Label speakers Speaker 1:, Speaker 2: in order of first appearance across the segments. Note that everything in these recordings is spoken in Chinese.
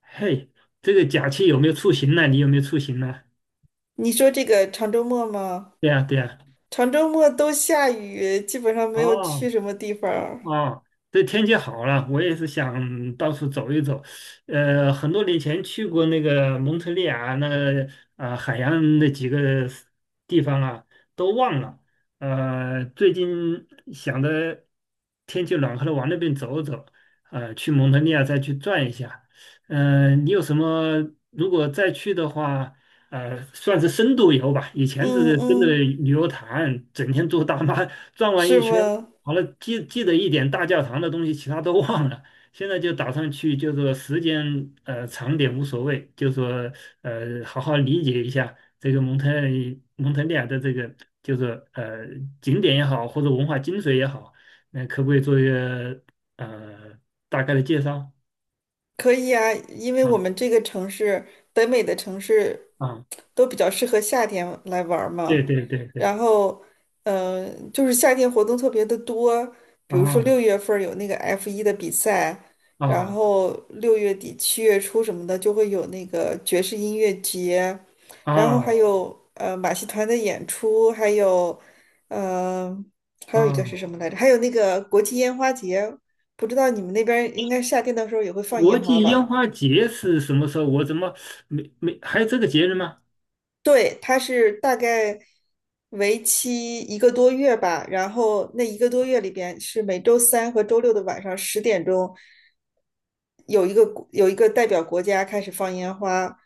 Speaker 1: 嘿，这个假期有没有出行呢？你有没有出行呢？
Speaker 2: 你说这个长周末吗？
Speaker 1: 对呀，对呀。
Speaker 2: 长周末都下雨，基本上没有
Speaker 1: 哦，
Speaker 2: 去什么地方儿。
Speaker 1: 哦，这天气好了，我也是想到处走一走。很多年前去过那个蒙特利尔，那个啊、海洋那几个 地方啊，都忘了。最近想着天气暖和了，往那边走走，去蒙特利尔再去转一下。你有什么？如果再去的话，算是深度游吧。以前只
Speaker 2: 嗯
Speaker 1: 是跟着
Speaker 2: 嗯，
Speaker 1: 旅游团，整天坐大巴 转完
Speaker 2: 是
Speaker 1: 一圈。
Speaker 2: 吗？
Speaker 1: 好了，记得一点大教堂的东西，其他都忘了。现在就打算去，就是说时间长点无所谓，就说好好理解一下这个蒙特利尔的这个，就是景点也好，或者文化精髓也好，那可不可以做一个呃大概的介绍？
Speaker 2: 可以啊，因为
Speaker 1: 啊
Speaker 2: 我们这个城市，北美的城市，
Speaker 1: 啊，
Speaker 2: 都比较适合夏天来玩儿
Speaker 1: 对
Speaker 2: 嘛。
Speaker 1: 对对对，
Speaker 2: 然后，就是夏天活动特别的多，比如说六
Speaker 1: 啊
Speaker 2: 月份儿有那个 F1的比赛，然
Speaker 1: 啊
Speaker 2: 后6月底7月初什么的就会有那个爵士音乐节，然后还
Speaker 1: 啊
Speaker 2: 有马戏团的演出，呃还有一个
Speaker 1: 啊！
Speaker 2: 是什么来着？还有那个国际烟花节，不知道你们那边儿应该夏天的时候也会放
Speaker 1: 国
Speaker 2: 烟花
Speaker 1: 际
Speaker 2: 吧？
Speaker 1: 烟花节是什么时候？我怎么没还有这个节日吗？
Speaker 2: 对，它是大概为期一个多月吧，然后那一个多月里边是每周三和周六的晚上10点钟，有一个代表国家开始放烟花，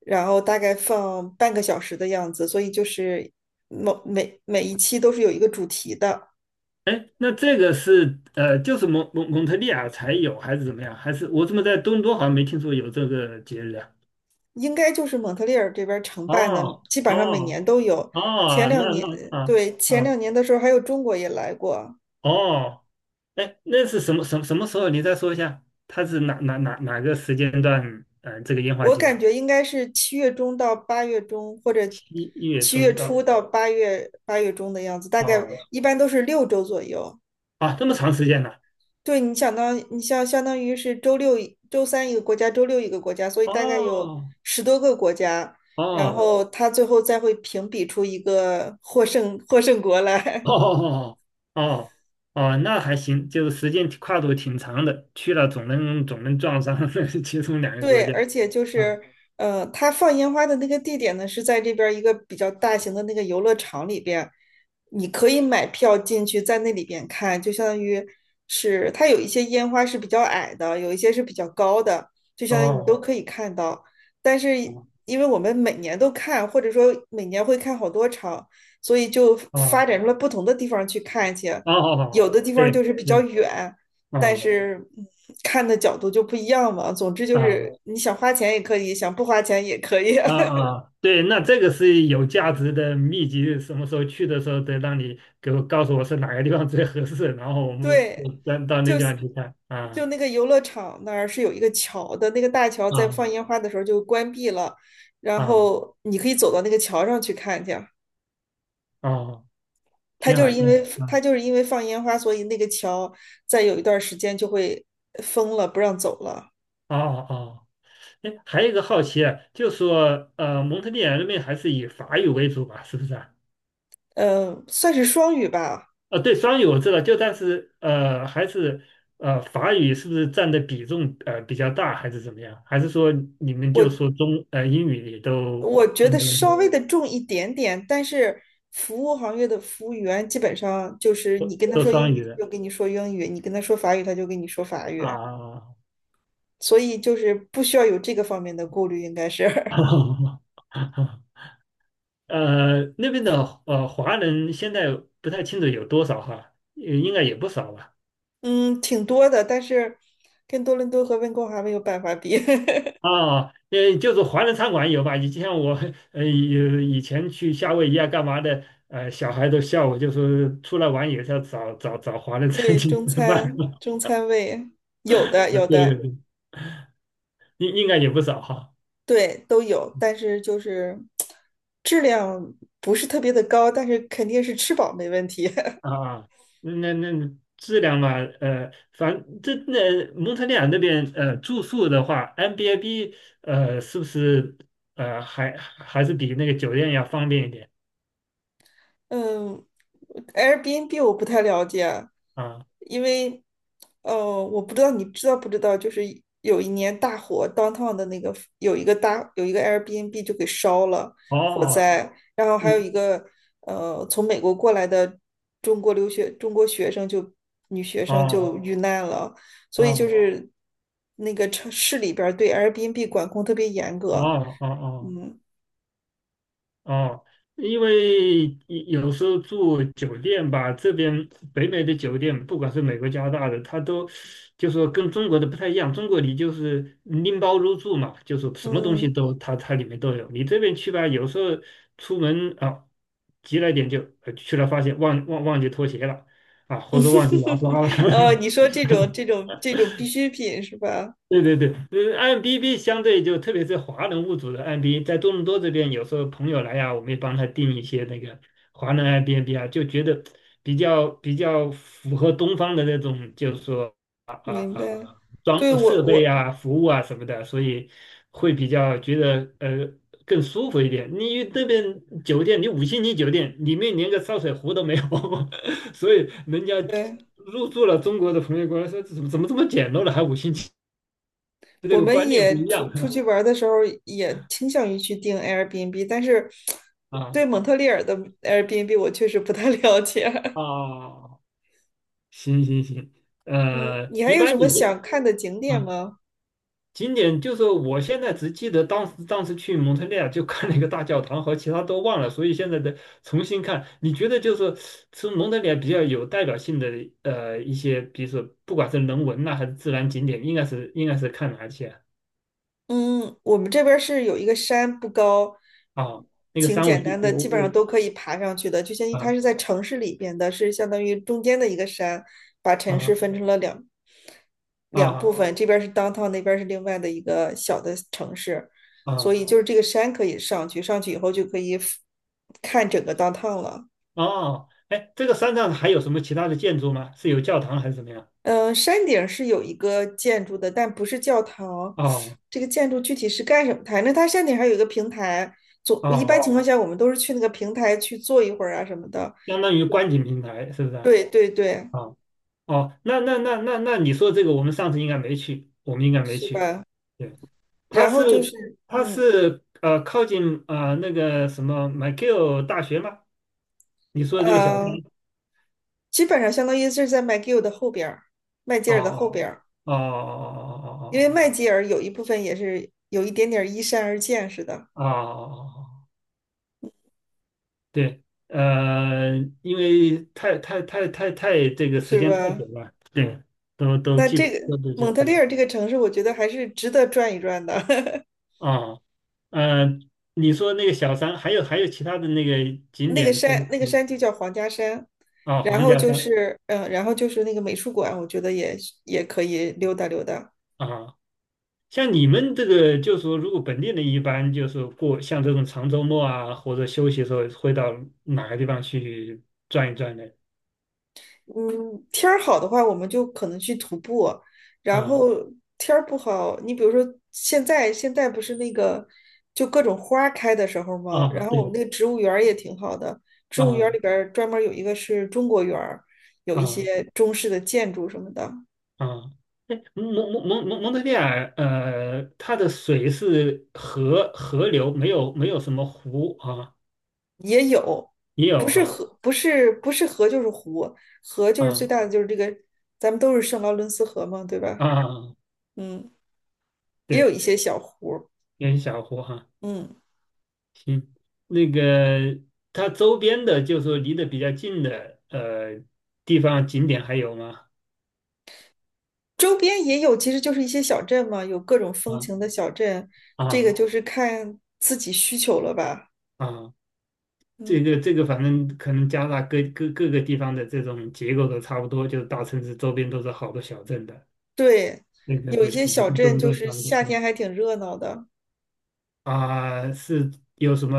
Speaker 2: 然后大概放半个小时的样子，所以就是每一期都是有一个主题的，
Speaker 1: 哎，那这个是就是蒙特利尔才有，还是怎么样？还是我怎么在多伦多好像没听说有这个节日啊？
Speaker 2: 应该就是蒙特利尔这边儿承办的，
Speaker 1: 哦
Speaker 2: 基
Speaker 1: 哦
Speaker 2: 本上每年都有。前
Speaker 1: 哦，
Speaker 2: 两
Speaker 1: 那
Speaker 2: 年，
Speaker 1: 那啊
Speaker 2: 对，前
Speaker 1: 啊
Speaker 2: 两年的时候还有中国也来过，
Speaker 1: 哦，哎，那是什么时候？你再说一下，它是哪个时间段？这个烟花
Speaker 2: 我
Speaker 1: 节
Speaker 2: 感
Speaker 1: 啊，
Speaker 2: 觉应该是7月中到8月中，或者
Speaker 1: 七月
Speaker 2: 七月
Speaker 1: 中
Speaker 2: 初
Speaker 1: 到
Speaker 2: 到八月中的样子，大概
Speaker 1: 哦
Speaker 2: 一般都是6周左右。
Speaker 1: 啊，这么长时间呢、
Speaker 2: 对，你想当你像相当于是周三一个国家，周六一个国家，所以大概有
Speaker 1: 哦
Speaker 2: 10多个国家，然
Speaker 1: 哦
Speaker 2: 后他最后再会评比出一个获胜国 来。
Speaker 1: 哦哦哦，哦那还行，就是时间跨度挺长的，去了总能撞上 其中两个国
Speaker 2: 对，
Speaker 1: 家。
Speaker 2: 而且就
Speaker 1: 啊
Speaker 2: 是，它放烟花的那个地点呢，是在这边儿一个比较大型的那个游乐场里边，你可以买票进去，在那里边看，就相当于是它有一些烟花是比较矮的，有一些是比较高的，就相当于你都
Speaker 1: 哦
Speaker 2: 可以看到。但是
Speaker 1: 哦
Speaker 2: 因为我们每年都看，或者说每年会看好多场，所以就发
Speaker 1: 哦
Speaker 2: 展出了不同的地方去看去，
Speaker 1: 哦
Speaker 2: 有
Speaker 1: 哦，
Speaker 2: 的地方就
Speaker 1: 对
Speaker 2: 是比较
Speaker 1: 对，
Speaker 2: 远。但
Speaker 1: 哦
Speaker 2: 是看的角度就不一样嘛。总之就
Speaker 1: 啊
Speaker 2: 是你想花钱也可以，想不花钱也可以。
Speaker 1: 啊 啊，对，那这个是有价值的秘籍，什么时候去的时候得让你给我告诉我是哪个地方最合适，然后我们
Speaker 2: 对，
Speaker 1: 到那
Speaker 2: 就
Speaker 1: 地方去看。
Speaker 2: 就
Speaker 1: 啊
Speaker 2: 那个游乐场那儿是有一个桥的，那个大桥在
Speaker 1: 啊
Speaker 2: 放烟花的时候就关闭了，然
Speaker 1: 啊
Speaker 2: 后你可以走到那个桥上去看去。
Speaker 1: 啊，
Speaker 2: 它
Speaker 1: 挺
Speaker 2: 就
Speaker 1: 好
Speaker 2: 是因
Speaker 1: 挺
Speaker 2: 为
Speaker 1: 好。
Speaker 2: 它就是因为放烟花，所以那个桥在有一段时间就会封了，不让走了。
Speaker 1: 啊哦哦。哎，还有一个好奇啊，就说蒙特利尔那边还是以法语为主吧，是不是啊？
Speaker 2: 嗯，算是双语吧。
Speaker 1: 对，双语我知道，就但是还是法语是不是占的比重比较大，还是怎么样？还是说你们就
Speaker 2: 我
Speaker 1: 说英语也都
Speaker 2: 我觉
Speaker 1: 都
Speaker 2: 得
Speaker 1: 没问
Speaker 2: 稍
Speaker 1: 题，
Speaker 2: 微的重一点点，但是服务行业的服务员基本上就是你跟他
Speaker 1: 都
Speaker 2: 说英
Speaker 1: 双
Speaker 2: 语，
Speaker 1: 语的
Speaker 2: 他就跟你说英语；你跟他说法语，他就跟你说法语。
Speaker 1: 啊？
Speaker 2: 所以就是不需要有这个方面的顾虑，应该是，
Speaker 1: 那边的华人现在不太清楚有多少哈，应该也不少吧。
Speaker 2: 嗯，挺多的。但是跟多伦多和温哥华没有办法比。
Speaker 1: 啊，就是华人餐馆有吧？呃以以前去夏威夷啊，干嘛的？小孩都笑我，就是出来玩也是要找华人 餐
Speaker 2: 对，
Speaker 1: 厅
Speaker 2: 中
Speaker 1: 吃饭。
Speaker 2: 餐 中餐味有
Speaker 1: 啊，
Speaker 2: 的有
Speaker 1: 对对
Speaker 2: 的，
Speaker 1: 对，应应该也不少哈。
Speaker 2: 对都有，但是就是质量不是特别的高，但是肯定是吃饱没问题。
Speaker 1: 啊，那那那质量嘛，呃，反正这那蒙特利尔那边住宿的话 m b I b 是不是还是比那个酒店要方便一点
Speaker 2: 嗯，Airbnb 我不太了解，
Speaker 1: 啊？
Speaker 2: 因为呃，我不知道你知道不知道，就是有一年大火，downtown 的那个有一个 Airbnb 就给烧了，火
Speaker 1: 哦，
Speaker 2: 灾，然后还有
Speaker 1: 嗯，
Speaker 2: 一个从美国过来的中国留学中国学生就女学生
Speaker 1: 哦
Speaker 2: 就遇难了，所以就
Speaker 1: 哦
Speaker 2: 是那个城市里边儿对 Airbnb 管控特别严
Speaker 1: 哦
Speaker 2: 格，
Speaker 1: 哦哦。哦
Speaker 2: 嗯。
Speaker 1: 哦，因为有时候住酒店吧，这边北美的酒店，不管是美国、加拿大的，它都就说跟中国的不太一样。中国你就是拎包入住嘛，就是什么东西
Speaker 2: 嗯，
Speaker 1: 都它里面都有。你这边去吧，有时候出门啊，急了一点就去了，发现忘记拖鞋了啊，或者忘记牙刷了。
Speaker 2: 哦，你说这种必需品是吧？
Speaker 1: 对对对，i m B b 相对就特别是华人物主的 IMDB，在多伦多这边，有时候朋友来呀、我们也帮他订一些那个华人 i m n b 啊，就觉得比较符合东方的那种，就是说啊，
Speaker 2: 明白。对，
Speaker 1: 装设备啊、服务啊什么的，所以会比较觉得更舒服一点。你那边酒店，你五星级酒店里面连个烧水壶都没有，所以人家
Speaker 2: 对，
Speaker 1: 入住了中国的朋友过来说，怎么这么简陋了，还五星级这
Speaker 2: 我
Speaker 1: 个
Speaker 2: 们
Speaker 1: 观念不一
Speaker 2: 也出
Speaker 1: 样
Speaker 2: 去玩儿的时候也倾向于去订 Airbnb，但是
Speaker 1: 啊
Speaker 2: 对蒙特利尔的 Airbnb 我确实不太 了解。
Speaker 1: 啊，行行行，
Speaker 2: 嗯，你还
Speaker 1: 一
Speaker 2: 有
Speaker 1: 般
Speaker 2: 什么
Speaker 1: 你就
Speaker 2: 想看的景点
Speaker 1: 啊，
Speaker 2: 吗？
Speaker 1: 景点就是我现在只记得当时去蒙特利尔就看了一个大教堂和其他都忘了，所以现在的重新看，你觉得就是从蒙特利尔比较有代表性的一些，比如说不管是人文呐、还是自然景点，应该是看哪些
Speaker 2: 嗯，我们这边儿是有一个山不高，
Speaker 1: 啊？啊那个
Speaker 2: 挺
Speaker 1: 山我
Speaker 2: 简
Speaker 1: 记
Speaker 2: 单的，
Speaker 1: 我
Speaker 2: 基本上
Speaker 1: 我
Speaker 2: 都可以爬上去的。就相当于它
Speaker 1: 啊
Speaker 2: 是在城市里边的，是相当于中间的一个山，把城市
Speaker 1: 啊
Speaker 2: 分成了两部
Speaker 1: 啊
Speaker 2: 分，这边是 downtown，那边是另外的一个小的城市，所
Speaker 1: 啊。
Speaker 2: 以就是这个山可以上去，上去以后就可以看整个 downtown 了。
Speaker 1: 哦，哎，这个山上还有什么其他的建筑吗？是有教堂还是怎么样？
Speaker 2: 山顶是有一个建筑的，但不是教堂，
Speaker 1: 哦
Speaker 2: 这个建筑具体是干什么？反正它山顶还有一个平台，一般
Speaker 1: 哦，
Speaker 2: 情况下我们都是去那个平台去坐一会儿啊什么的。
Speaker 1: 相当于观景平台是不是？啊
Speaker 2: 对对对，
Speaker 1: 哦哦，那你说这个，我们上次应该没去，我们应该没
Speaker 2: 是
Speaker 1: 去。
Speaker 2: 吧？
Speaker 1: 对，它
Speaker 2: 然后就是
Speaker 1: 是它
Speaker 2: 嗯
Speaker 1: 是靠近那个什么 m i c 麦 l 大学吗？你说的这个小山？
Speaker 2: 呃，基本上相当于是在麦吉尔的后边儿，麦吉
Speaker 1: 哦
Speaker 2: 尔的后边儿。
Speaker 1: 哦哦
Speaker 2: 因为麦
Speaker 1: 哦
Speaker 2: 吉尔有一部分也是有一点点依山而建似
Speaker 1: 哦哦哦哦哦哦哦哦哦哦哦
Speaker 2: 的，
Speaker 1: 哦哦哦哦对，呃，因为太这个时
Speaker 2: 是
Speaker 1: 间太久
Speaker 2: 吧？
Speaker 1: 了，对，都
Speaker 2: 那
Speaker 1: 记
Speaker 2: 这个
Speaker 1: 不都
Speaker 2: 蒙
Speaker 1: 这
Speaker 2: 特利
Speaker 1: 嗯
Speaker 2: 尔这个城市，我觉得还是值得转一转的。
Speaker 1: 啊，呃，你说那个小山，还有其他的那个 景
Speaker 2: 那个
Speaker 1: 点是
Speaker 2: 山，那个
Speaker 1: 嗯
Speaker 2: 山就叫皇家山，
Speaker 1: 啊，
Speaker 2: 然
Speaker 1: 黄
Speaker 2: 后
Speaker 1: 家
Speaker 2: 就
Speaker 1: 山
Speaker 2: 是，嗯，然后就是那个美术馆，我觉得也也可以溜达溜达。
Speaker 1: 啊，像你们这个就是说，如果本地人一般就是过像这种长周末啊，或者休息的时候，会到哪个地方去转一转呢？
Speaker 2: 嗯，天儿好的话，我们就可能去徒步，然
Speaker 1: 啊
Speaker 2: 后天儿不好，你比如说现在不是那个就各种花儿开的时候吗？
Speaker 1: 啊，
Speaker 2: 然后我们
Speaker 1: 对
Speaker 2: 那个植物园儿也挺好的，植
Speaker 1: 啊
Speaker 2: 物园儿里
Speaker 1: 啊。
Speaker 2: 边儿专门有一个是中国园儿，有一
Speaker 1: 哦
Speaker 2: 些中式的建筑什么的
Speaker 1: 啊，哎蒙特利尔，它的水是河流，没有什么湖啊，
Speaker 2: 也有，
Speaker 1: 也
Speaker 2: 不
Speaker 1: 有
Speaker 2: 是
Speaker 1: 哈
Speaker 2: 河，不是河就是湖，河就是最
Speaker 1: 啊
Speaker 2: 大的就是这个，咱们都是圣劳伦斯河嘛，对吧？
Speaker 1: 啊，
Speaker 2: 嗯，也有
Speaker 1: 对，
Speaker 2: 一些小湖儿。
Speaker 1: 有小湖哈、
Speaker 2: 嗯。
Speaker 1: 行，那个它周边的，就是说离得比较近的地方景点还有吗？
Speaker 2: 周边也有，其实就是一些小镇嘛，有各种风
Speaker 1: 啊
Speaker 2: 情的小镇，这个
Speaker 1: 啊
Speaker 2: 就是看自己需求了吧。
Speaker 1: 啊，
Speaker 2: 嗯，
Speaker 1: 这个，反正可能加拿大各各各个地方的这种结构都差不多，就是大城市周边都是好多小镇的，
Speaker 2: 对，
Speaker 1: 那个
Speaker 2: 有一些
Speaker 1: 估计
Speaker 2: 小
Speaker 1: 跟多
Speaker 2: 镇
Speaker 1: 伦多
Speaker 2: 就
Speaker 1: 也
Speaker 2: 是
Speaker 1: 差不多。
Speaker 2: 夏
Speaker 1: 嗯
Speaker 2: 天还挺热闹的。
Speaker 1: 啊、是有什么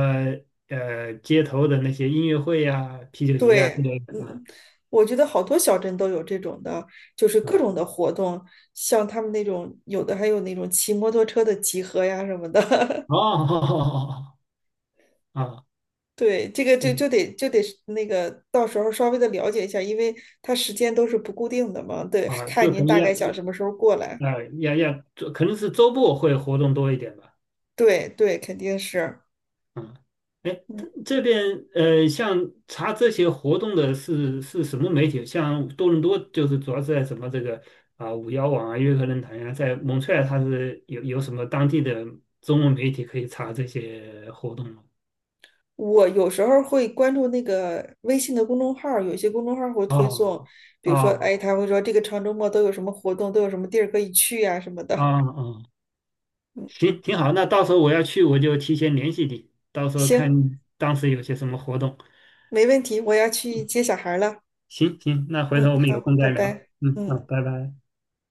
Speaker 1: 街头的那些音乐会呀、啤酒节呀
Speaker 2: 对，
Speaker 1: 之类的啊，
Speaker 2: 嗯，我觉得好多小镇都有这种的，就是各
Speaker 1: 嗯，
Speaker 2: 种的活动，像他们那种有的还有那种骑摩托车的集合呀什么的。
Speaker 1: 哦，啊，
Speaker 2: 对，这个就
Speaker 1: 对，
Speaker 2: 就得就得是那个到时候稍微的了解一下，因为它时间都是不固定的嘛。对，
Speaker 1: 啊，
Speaker 2: 看
Speaker 1: 就
Speaker 2: 您
Speaker 1: 肯定
Speaker 2: 大
Speaker 1: 要
Speaker 2: 概想什么时候过来。
Speaker 1: 啊要要，可能是周末会活动多一点吧，
Speaker 2: 对对，肯定是。
Speaker 1: 嗯，哎，
Speaker 2: 嗯，
Speaker 1: 它这边像查这些活动的是什么媒体？像多伦多就是主要是在什么这个啊五幺网啊、约克论坛呀、在蒙特利尔它是有什么当地的中文媒体可以查这些活动吗？
Speaker 2: 我有时候会关注那个微信的公众号儿，有些公众号儿会推
Speaker 1: 哦
Speaker 2: 送，比如说，
Speaker 1: 哦
Speaker 2: 哎，他会说这个长周末都有什么活动，都有什么地儿可以去呀、什么
Speaker 1: 哦
Speaker 2: 的。
Speaker 1: 哦，行，挺好。那到时候我要去，我就提前联系你，到 时候看
Speaker 2: 行，
Speaker 1: 当时有些什么活动。
Speaker 2: 没问题，我要去
Speaker 1: 嗯
Speaker 2: 接小孩儿了。
Speaker 1: 行行，那回头
Speaker 2: 嗯，
Speaker 1: 我们有
Speaker 2: 好，
Speaker 1: 空
Speaker 2: 拜
Speaker 1: 再聊。
Speaker 2: 拜。
Speaker 1: 嗯，好，
Speaker 2: 嗯。
Speaker 1: 拜拜。